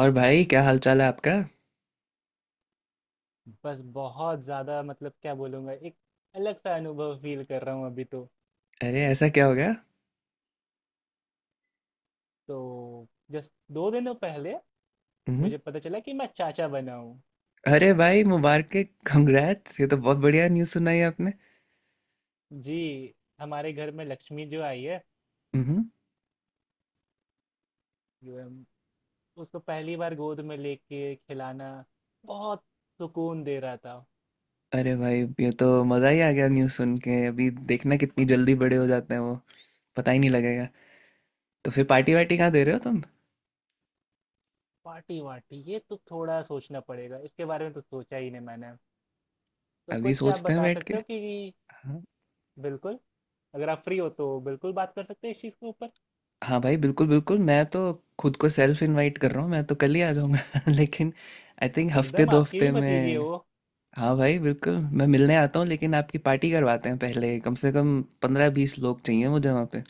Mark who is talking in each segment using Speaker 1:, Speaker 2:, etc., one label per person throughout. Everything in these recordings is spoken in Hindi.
Speaker 1: और भाई क्या हाल चाल है आपका।
Speaker 2: बस बहुत ज़्यादा, मतलब क्या बोलूँगा, एक अलग सा अनुभव फील कर रहा हूँ अभी। तो
Speaker 1: अरे ऐसा क्या हो गया।
Speaker 2: तो जस्ट दो दिनों पहले
Speaker 1: हम्म।
Speaker 2: मुझे पता चला कि मैं चाचा बना हूँ।
Speaker 1: अरे भाई मुबारक है। कंग्रेट्स, ये तो बहुत बढ़िया न्यूज़ सुनाई आपने।
Speaker 2: जी, हमारे घर में लक्ष्मी जो आई है,
Speaker 1: हम्म।
Speaker 2: जो हम- उसको पहली बार गोद में लेके खिलाना बहुत सुकून दे रहा था।
Speaker 1: अरे भाई ये तो मज़ा ही आ गया न्यूज़ सुन के, अभी देखना कितनी जल्दी बड़े हो जाते हैं वो, पता ही नहीं लगेगा। तो फिर पार्टी वार्टी कहाँ दे रहे हो तुम?
Speaker 2: पार्टी वार्टी, ये तो थोड़ा सोचना पड़ेगा, इसके बारे में तो सोचा ही नहीं मैंने। तो
Speaker 1: अभी
Speaker 2: कुछ आप
Speaker 1: सोचते हैं
Speaker 2: बता
Speaker 1: बैठ के।
Speaker 2: सकते हो कि।
Speaker 1: हाँ।
Speaker 2: बिल्कुल, अगर आप फ्री हो तो बिल्कुल बात कर सकते हैं इस चीज़ के ऊपर।
Speaker 1: हाँ भाई बिल्कुल बिल्कुल, मैं तो खुद को सेल्फ इनवाइट कर रहा हूँ, मैं तो कल ही आ जाऊँगा लेकिन आई थिंक हफ्ते
Speaker 2: एकदम,
Speaker 1: दो
Speaker 2: आपकी
Speaker 1: हफ्ते
Speaker 2: भी भतीजी है
Speaker 1: में।
Speaker 2: वो।
Speaker 1: हाँ भाई बिल्कुल, मैं मिलने आता हूँ लेकिन आपकी पार्टी करवाते हैं पहले, कम से कम 15 20 लोग चाहिए मुझे वहाँ पे।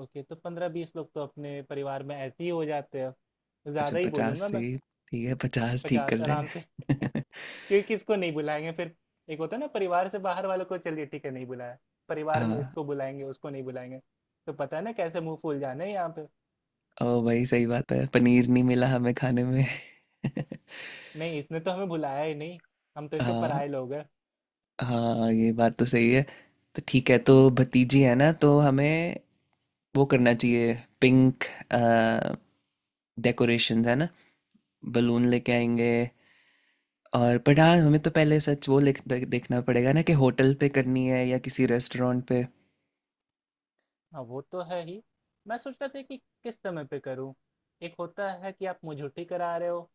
Speaker 2: ओके, तो पंद्रह बीस लोग तो अपने परिवार में ऐसे ही हो जाते हैं।
Speaker 1: अच्छा
Speaker 2: ज़्यादा ही
Speaker 1: 50
Speaker 2: बोलूँगा
Speaker 1: से?
Speaker 2: मैं।
Speaker 1: ठीक है, 50 ठीक कर
Speaker 2: पचास
Speaker 1: रहे
Speaker 2: आराम से।
Speaker 1: हैं।
Speaker 2: क्योंकि किसको नहीं बुलाएंगे फिर। एक होता है ना, परिवार से बाहर वालों को चलिए ठीक है नहीं बुलाया। परिवार में
Speaker 1: हाँ।
Speaker 2: इसको बुलाएंगे उसको नहीं बुलाएंगे, तो पता है ना कैसे मुंह फूल जाना है यहाँ पे।
Speaker 1: ओ भाई सही बात है, पनीर नहीं मिला हमें खाने में।
Speaker 2: नहीं, इसने तो हमें बुलाया ही नहीं, हम तो इसके
Speaker 1: हाँ।
Speaker 2: पराये लोग हैं।
Speaker 1: हाँ, ये बात तो सही है। तो ठीक है, तो भतीजी है ना, तो हमें वो करना चाहिए। पिंक डेकोरेशंस है ना, बलून लेके आएंगे। और पर हाँ, हमें तो पहले सच वो देखना पड़ेगा ना कि होटल पे करनी है या किसी रेस्टोरेंट पे।
Speaker 2: हाँ वो तो है ही। मैं सोच रहा था कि किस समय पे करूँ। एक होता है कि आप मुझे छुट्टी करा रहे हो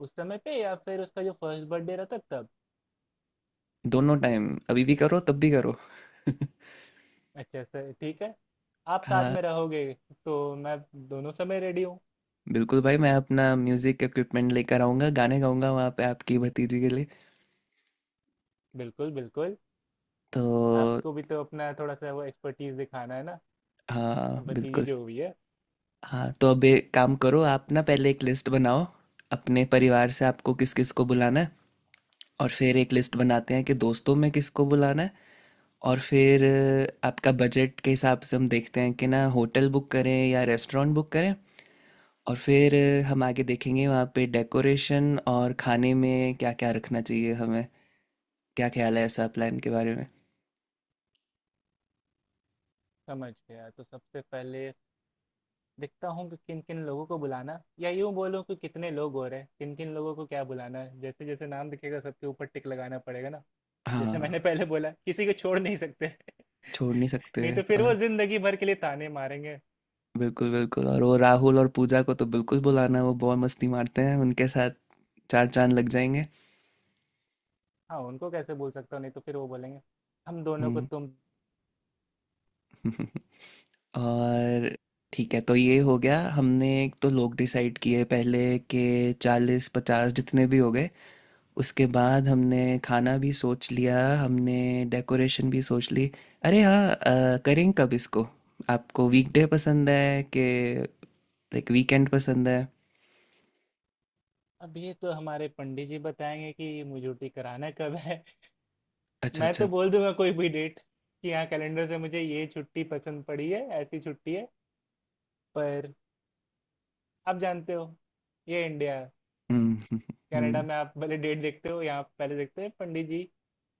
Speaker 2: उस समय पे, या फिर उसका जो फर्स्ट बर्थडे रहता है, तब।
Speaker 1: दोनों टाइम, अभी भी करो तब भी करो।
Speaker 2: अच्छा सर, ठीक है। आप साथ में
Speaker 1: हाँ
Speaker 2: रहोगे तो मैं दोनों समय रेडी हूँ।
Speaker 1: बिल्कुल भाई, मैं अपना म्यूजिक इक्विपमेंट लेकर आऊँगा, गाने गाऊंगा वहाँ पे आपकी भतीजी के लिए।
Speaker 2: बिल्कुल बिल्कुल।
Speaker 1: तो
Speaker 2: आपको भी तो अपना थोड़ा सा वो एक्सपर्टीज दिखाना है ना,
Speaker 1: हाँ
Speaker 2: अब भतीजी
Speaker 1: बिल्कुल।
Speaker 2: जो हुई है।
Speaker 1: हाँ, तो अब एक काम करो आप, ना पहले एक लिस्ट बनाओ अपने परिवार से आपको किस किस को बुलाना है। और फिर एक लिस्ट बनाते हैं कि दोस्तों में किसको बुलाना है। और फिर आपका बजट के हिसाब से हम देखते हैं कि ना होटल बुक करें या रेस्टोरेंट बुक करें। और फिर हम आगे देखेंगे वहाँ पे डेकोरेशन और खाने में क्या क्या रखना चाहिए हमें। क्या ख्याल है ऐसा प्लान के बारे में?
Speaker 2: समझ गया। तो सबसे पहले देखता हूँ कि किन किन लोगों को बुलाना, या यूँ बोलूँ कि कितने लोग हो रहे हैं, किन किन लोगों को क्या बुलाना है। जैसे जैसे नाम दिखेगा सबके ऊपर टिक लगाना पड़ेगा ना। जैसे
Speaker 1: हाँ,
Speaker 2: मैंने पहले बोला, किसी को छोड़ नहीं सकते।
Speaker 1: छोड़ नहीं सकते।
Speaker 2: नहीं तो फिर
Speaker 1: और
Speaker 2: वो जिंदगी भर के लिए ताने मारेंगे।
Speaker 1: बिल्कुल बिल्कुल, और वो राहुल और पूजा को तो बिल्कुल बुलाना, वो बहुत मस्ती मारते हैं उनके साथ, चार चांद लग जाएंगे।
Speaker 2: हाँ, उनको कैसे बोल सकता हूँ, नहीं तो फिर वो बोलेंगे हम दोनों को
Speaker 1: हम्म।
Speaker 2: तुम।
Speaker 1: और ठीक है, तो ये हो गया हमने, एक तो लोग डिसाइड किए पहले के 40 50 जितने भी हो गए। उसके बाद हमने खाना भी सोच लिया, हमने डेकोरेशन भी सोच ली। अरे हाँ करें कब इसको? आपको वीकडे पसंद है कि लाइक वीकेंड पसंद है?
Speaker 2: अब ये तो हमारे पंडित जी बताएंगे कि मुझे छुट्टी कराना कब है।
Speaker 1: अच्छा
Speaker 2: मैं तो
Speaker 1: अच्छा।
Speaker 2: बोल दूंगा कोई भी डेट, कि हाँ कैलेंडर से मुझे ये छुट्टी पसंद पड़ी है, ऐसी छुट्टी है। पर आप जानते हो, ये इंडिया
Speaker 1: हम्म हम्म,
Speaker 2: कनाडा
Speaker 1: हम्म,
Speaker 2: में आप पहले डेट देखते हो, यहाँ पहले देखते हैं पंडित जी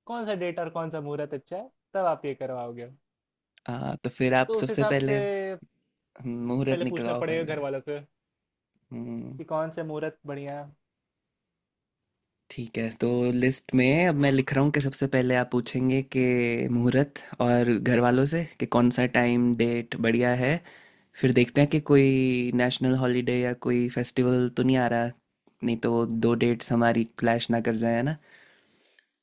Speaker 2: कौन सा डेट और कौन सा मुहूर्त अच्छा है, तब आप ये करवाओगे।
Speaker 1: हाँ तो फिर आप
Speaker 2: तो उस
Speaker 1: सबसे
Speaker 2: हिसाब से
Speaker 1: पहले मुहूर्त
Speaker 2: पहले पूछना
Speaker 1: निकलाओ
Speaker 2: पड़ेगा घर
Speaker 1: पहले।
Speaker 2: वालों से
Speaker 1: हम्म।
Speaker 2: कि कौन से मुहूर्त बढ़िया।
Speaker 1: ठीक है, तो लिस्ट में अब मैं लिख रहा हूँ कि सबसे पहले आप पूछेंगे कि मुहूर्त और घर वालों से कि कौन सा टाइम डेट बढ़िया है। फिर देखते हैं कि कोई नेशनल हॉलीडे या कोई फेस्टिवल तो नहीं आ रहा, नहीं तो दो डेट्स हमारी क्लैश ना कर जाए है ना।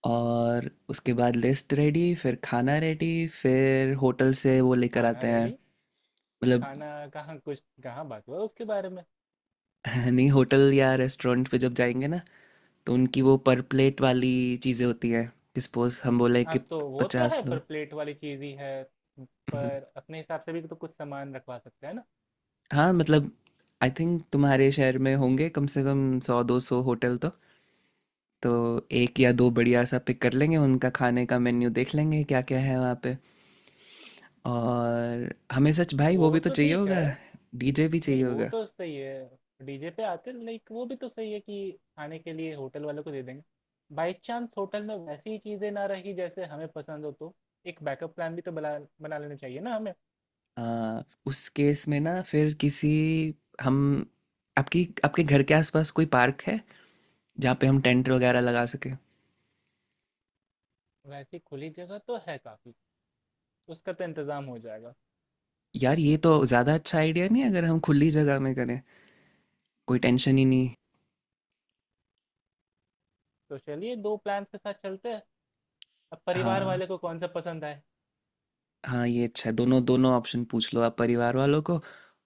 Speaker 1: और उसके बाद लिस्ट रेडी, फिर खाना रेडी, फिर होटल से वो लेकर
Speaker 2: खाना
Speaker 1: आते हैं।
Speaker 2: रेडी?
Speaker 1: मतलब
Speaker 2: खाना कहाँ, कुछ कहाँ बात हुआ उसके बारे में।
Speaker 1: नहीं, होटल या रेस्टोरेंट पे जब जाएंगे ना, तो उनकी वो पर प्लेट वाली चीज़ें होती हैं। सपोज हम बोले
Speaker 2: हाँ
Speaker 1: कि
Speaker 2: तो वो तो
Speaker 1: 50
Speaker 2: है, पर
Speaker 1: लोग।
Speaker 2: प्लेट वाली चीज ही है। पर अपने हिसाब से भी तो कुछ सामान रखवा सकते हैं ना।
Speaker 1: हाँ मतलब, आई थिंक तुम्हारे शहर में होंगे कम से कम 100 200 होटल तो एक या दो बढ़िया सा पिक कर लेंगे, उनका खाने का मेन्यू देख लेंगे क्या क्या है वहाँ पे। और हमें सच भाई वो
Speaker 2: वो
Speaker 1: भी तो
Speaker 2: तो
Speaker 1: चाहिए
Speaker 2: ठीक है।
Speaker 1: होगा, डीजे भी चाहिए
Speaker 2: नहीं वो
Speaker 1: होगा।
Speaker 2: तो सही है। डीजे पे आते, लाइक वो भी तो सही है कि खाने के लिए होटल वालों को दे देंगे, बाई चांस होटल में वैसी चीजें ना रही जैसे हमें पसंद हो, तो एक बैकअप प्लान भी तो बना बना लेना चाहिए ना हमें।
Speaker 1: आ, उस केस में ना, फिर किसी हम, आपकी आपके घर के आसपास कोई पार्क है जहाँ पे हम टेंट वगैरह लगा सके?
Speaker 2: वैसी खुली जगह तो है काफी, उसका तो इंतजाम हो जाएगा।
Speaker 1: यार, ये तो ज़्यादा अच्छा आइडिया नहीं है, अगर हम खुली जगह में करें कोई टेंशन ही नहीं।
Speaker 2: तो चलिए दो प्लान के साथ चलते हैं, अब परिवार
Speaker 1: हाँ।
Speaker 2: वाले को कौन सा पसंद आए।
Speaker 1: हाँ, ये अच्छा है। दोनों दोनों ऑप्शन पूछ लो आप परिवार वालों को।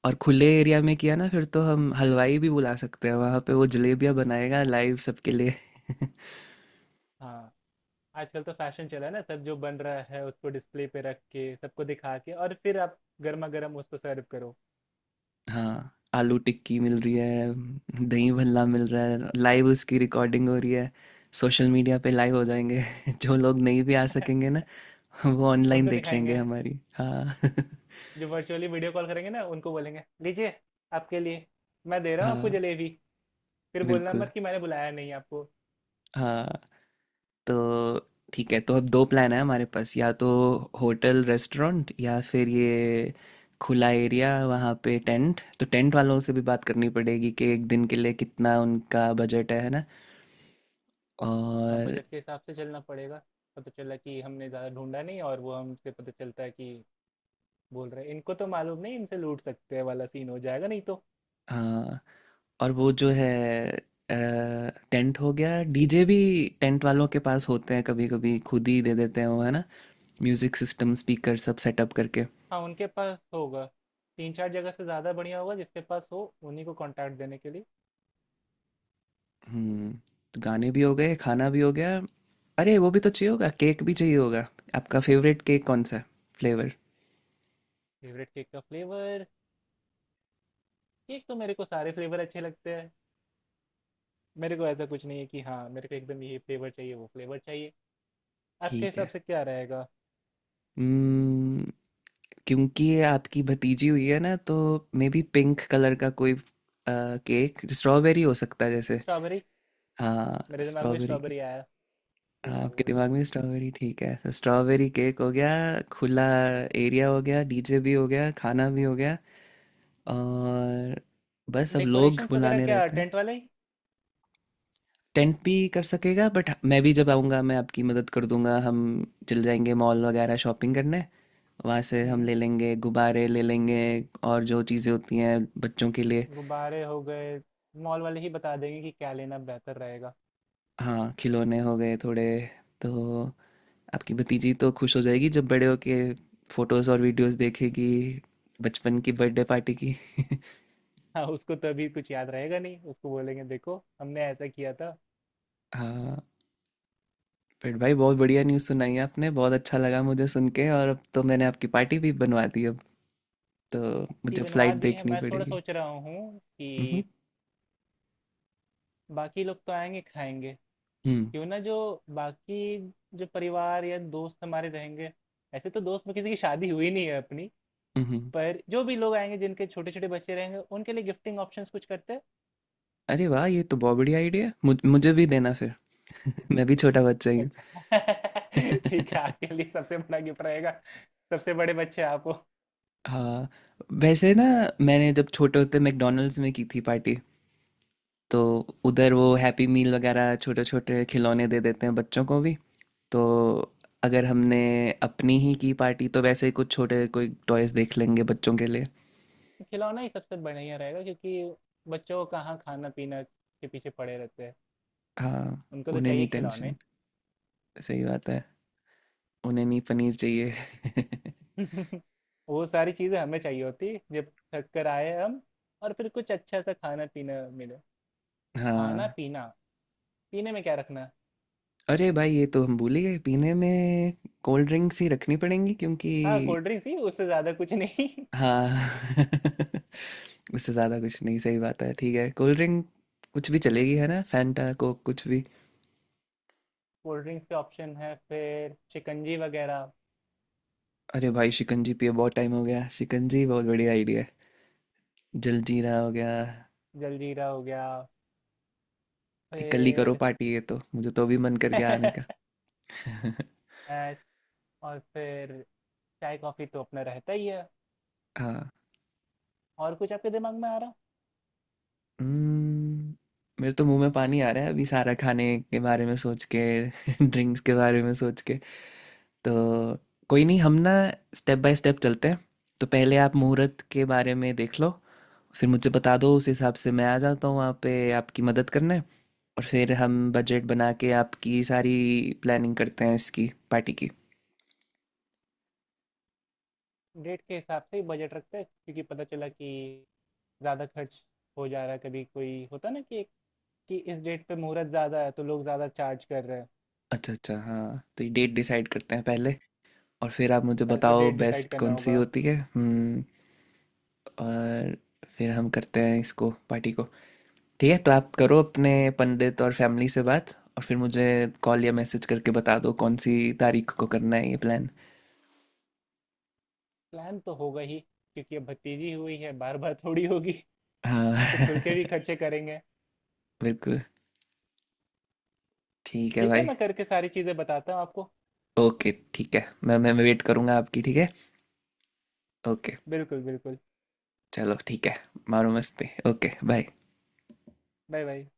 Speaker 1: और खुले एरिया में किया ना फिर तो हम हलवाई भी बुला सकते हैं वहाँ पे, वो जलेबियाँ बनाएगा लाइव सबके लिए।
Speaker 2: हाँ, आजकल तो फैशन चला है ना, सब जो बन रहा है उसको डिस्प्ले पे रख के सबको दिखा के, और फिर आप गर्मा गर्म उसको सर्व करो।
Speaker 1: हाँ, आलू टिक्की मिल रही है, दही भल्ला मिल रहा है, लाइव उसकी रिकॉर्डिंग हो रही है, सोशल मीडिया पे लाइव हो जाएंगे। जो लोग नहीं भी आ सकेंगे ना, वो ऑनलाइन
Speaker 2: उनको
Speaker 1: देख लेंगे
Speaker 2: दिखाएंगे,
Speaker 1: हमारी। हाँ
Speaker 2: जो वर्चुअली वीडियो कॉल करेंगे ना, उनको बोलेंगे लीजिए आपके लिए, मैं दे रहा हूँ आपको
Speaker 1: हाँ
Speaker 2: जलेबी। फिर बोलना
Speaker 1: बिल्कुल।
Speaker 2: मत कि मैंने बुलाया नहीं आपको।
Speaker 1: हाँ तो ठीक है, तो अब दो प्लान है हमारे पास, या तो होटल रेस्टोरेंट या फिर ये खुला एरिया। वहाँ पे टेंट, तो टेंट वालों से भी बात करनी पड़ेगी कि एक दिन के लिए कितना उनका बजट है ना।
Speaker 2: हाँ,
Speaker 1: और
Speaker 2: बजट के हिसाब से चलना पड़ेगा। पता चला कि हमने ज़्यादा ढूंढा नहीं, और वो हमसे पता चलता है कि बोल रहे हैं, इनको तो मालूम नहीं, इनसे लूट सकते हैं, वाला सीन हो जाएगा नहीं तो।
Speaker 1: हाँ, और वो जो है, टेंट हो गया, डीजे भी टेंट वालों के पास होते हैं कभी कभी, खुद ही दे देते हैं वो है ना, म्यूज़िक सिस्टम स्पीकर सब सेटअप करके।
Speaker 2: हाँ उनके पास होगा। तीन चार जगह से, ज़्यादा बढ़िया होगा जिसके पास हो उन्हीं को कांटेक्ट देने के लिए।
Speaker 1: हम्म। तो गाने भी हो गए, खाना भी हो गया। अरे वो भी तो चाहिए होगा, केक भी चाहिए होगा। आपका फेवरेट केक कौन सा है, फ्लेवर?
Speaker 2: फेवरेट केक का फ्लेवर। केक तो मेरे को सारे फ्लेवर अच्छे लगते हैं। मेरे को ऐसा कुछ नहीं है कि हाँ मेरे को एकदम ये फ्लेवर चाहिए वो फ्लेवर चाहिए। आपके
Speaker 1: ठीक
Speaker 2: हिसाब
Speaker 1: है।
Speaker 2: से क्या रहेगा।
Speaker 1: हम्म। क्योंकि ये आपकी भतीजी हुई है ना, तो मे बी पिंक कलर का कोई केक, स्ट्रॉबेरी हो सकता है जैसे।
Speaker 2: स्ट्रॉबेरी,
Speaker 1: हाँ,
Speaker 2: मेरे दिमाग में
Speaker 1: स्ट्रॉबेरी केक।
Speaker 2: स्ट्रॉबेरी आया तो।
Speaker 1: हाँ, आपके दिमाग में स्ट्रॉबेरी, ठीक है, तो स्ट्रॉबेरी केक हो गया, खुला एरिया हो गया, डीजे भी हो गया, खाना भी हो गया। और बस अब लोग
Speaker 2: डेकोरेशंस वगैरह
Speaker 1: बुलाने
Speaker 2: क्या
Speaker 1: रहते हैं।
Speaker 2: टेंट वाले ही?
Speaker 1: टेंट भी कर सकेगा, बट मैं भी जब आऊँगा मैं आपकी मदद कर दूंगा, हम चल जाएंगे मॉल वगैरह शॉपिंग करने, वहाँ से हम
Speaker 2: हम्म,
Speaker 1: ले लेंगे, गुब्बारे ले लेंगे और जो चीज़ें होती हैं बच्चों के लिए।
Speaker 2: गुब्बारे हो गए। मॉल वाले ही बता देंगे कि क्या लेना बेहतर रहेगा।
Speaker 1: हाँ, खिलौने हो गए थोड़े। तो आपकी भतीजी तो खुश हो जाएगी जब बड़े होके फोटोज़ और वीडियोज़ देखेगी बचपन की बर्थडे पार्टी की।
Speaker 2: हाँ उसको तो अभी कुछ याद रहेगा नहीं, उसको बोलेंगे देखो हमने ऐसा किया था।
Speaker 1: हाँ। फिर भाई, बहुत बढ़िया न्यूज़ सुनाई आपने, बहुत अच्छा लगा मुझे सुन के, और अब तो मैंने आपकी पार्टी भी बनवा दी, अब तो
Speaker 2: पार्टी
Speaker 1: मुझे
Speaker 2: बनवा
Speaker 1: फ्लाइट
Speaker 2: दी है,
Speaker 1: देखनी
Speaker 2: मैं थोड़ा
Speaker 1: पड़ेगी।
Speaker 2: सोच रहा हूँ
Speaker 1: हम्म।
Speaker 2: कि बाकी लोग तो आएंगे खाएंगे,
Speaker 1: हम्म।
Speaker 2: क्यों ना जो बाकी, जो परिवार या दोस्त हमारे रहेंगे, ऐसे तो दोस्त में किसी की शादी हुई नहीं है अपनी,
Speaker 1: उहुँ।
Speaker 2: पर जो भी लोग आएंगे जिनके छोटे छोटे बच्चे रहेंगे, उनके लिए गिफ्टिंग ऑप्शंस कुछ करते हैं।
Speaker 1: अरे वाह! ये तो बहुत बढ़िया आइडिया है। मुझे भी देना फिर। मैं भी छोटा बच्चा ही हूँ।
Speaker 2: अच्छा। ठीक है, आपके लिए सबसे बड़ा गिफ्ट रहेगा, सबसे बड़े बच्चे आपको।
Speaker 1: हाँ, वैसे ना मैंने जब छोटे होते मैकडॉनल्ड्स में की थी पार्टी। तो उधर वो हैप्पी मील वगैरह छोटे-छोटे खिलौने दे देते हैं बच्चों को भी। तो अगर हमने अपनी ही की पार्टी, तो वैसे ही कुछ छोटे कोई टॉयज़ देख लेंगे बच्चों के लिए।
Speaker 2: खिलौना ही सबसे बढ़िया रहेगा, क्योंकि बच्चों को कहाँ खाना पीना के पीछे पड़े रहते हैं,
Speaker 1: हाँ,
Speaker 2: उनको तो
Speaker 1: उन्हें
Speaker 2: चाहिए
Speaker 1: नहीं
Speaker 2: खिलौने।
Speaker 1: टेंशन। सही बात है। उन्हें नहीं पनीर चाहिए।
Speaker 2: वो सारी चीज़ें हमें चाहिए होती जब थक कर आए हम, और फिर कुछ अच्छा सा खाना पीना मिले। खाना
Speaker 1: हाँ।
Speaker 2: पीना, पीने में क्या रखना है।
Speaker 1: अरे भाई, ये तो हम भूल ही गए, पीने में कोल्ड ड्रिंक्स ही रखनी पड़ेंगी क्योंकि,
Speaker 2: हाँ, कोल्ड ड्रिंक्स ही, उससे ज़्यादा कुछ नहीं।
Speaker 1: हाँ उससे ज़्यादा कुछ नहीं, सही बात है, ठीक है, कोल्ड ड्रिंक कुछ भी चलेगी है ना, फैंटा कोक कुछ भी।
Speaker 2: कोल्ड ड्रिंक्स के ऑप्शन है फिर, शिकंजी वगैरह,
Speaker 1: अरे भाई, शिकंजी पिए बहुत टाइम हो गया, शिकंजी बहुत बढ़िया आइडिया है, जलजीरा हो गया।
Speaker 2: जलजीरा हो गया
Speaker 1: कल ही करो
Speaker 2: फिर।
Speaker 1: पार्टी, ये तो मुझे तो अभी मन कर गया आने का।
Speaker 2: अ, और फिर चाय कॉफ़ी तो अपना रहता ही है।
Speaker 1: हाँ।
Speaker 2: और कुछ आपके दिमाग में आ रहा?
Speaker 1: हम्म, मेरे तो मुंह में पानी आ रहा है अभी सारा खाने के बारे में सोच के। ड्रिंक्स के बारे में सोच के। तो कोई नहीं, हम ना स्टेप बाय स्टेप चलते हैं। तो पहले आप मुहूर्त के बारे में देख लो, फिर मुझे बता दो, उस हिसाब से मैं आ जाता हूँ वहाँ पे आपकी मदद करने। और फिर हम बजट बना के आपकी सारी प्लानिंग करते हैं इसकी पार्टी की।
Speaker 2: डेट के हिसाब से ही बजट रखते हैं, क्योंकि पता चला कि ज़्यादा खर्च हो जा रहा है। कभी कोई होता ना कि इस डेट पे मुहूर्त ज़्यादा है तो लोग ज़्यादा चार्ज कर रहे हैं।
Speaker 1: अच्छा अच्छा। हाँ, तो ये डेट डिसाइड करते हैं पहले, और फिर आप मुझे
Speaker 2: पहले तो
Speaker 1: बताओ
Speaker 2: डेट डिसाइड
Speaker 1: बेस्ट
Speaker 2: करना
Speaker 1: कौन सी
Speaker 2: होगा।
Speaker 1: होती है। हम्म। और फिर हम करते हैं इसको पार्टी को। ठीक है, तो आप करो अपने पंडित और फैमिली से बात, और फिर मुझे कॉल या मैसेज करके बता दो कौन सी तारीख को करना है ये प्लान।
Speaker 2: प्लान तो होगा ही, क्योंकि अब भतीजी हुई है, बार बार थोड़ी होगी,
Speaker 1: हाँ।
Speaker 2: तो खुल के भी खर्चे करेंगे।
Speaker 1: बिल्कुल। ठीक है
Speaker 2: ठीक है,
Speaker 1: भाई।
Speaker 2: मैं करके सारी चीज़ें बताता हूँ आपको।
Speaker 1: ओके ठीक है, मैं वेट करूँगा आपकी। ठीक है। ओके।
Speaker 2: बिल्कुल बिल्कुल।
Speaker 1: चलो ठीक है। मारो मस्ती। Okay bye.
Speaker 2: Bye bye.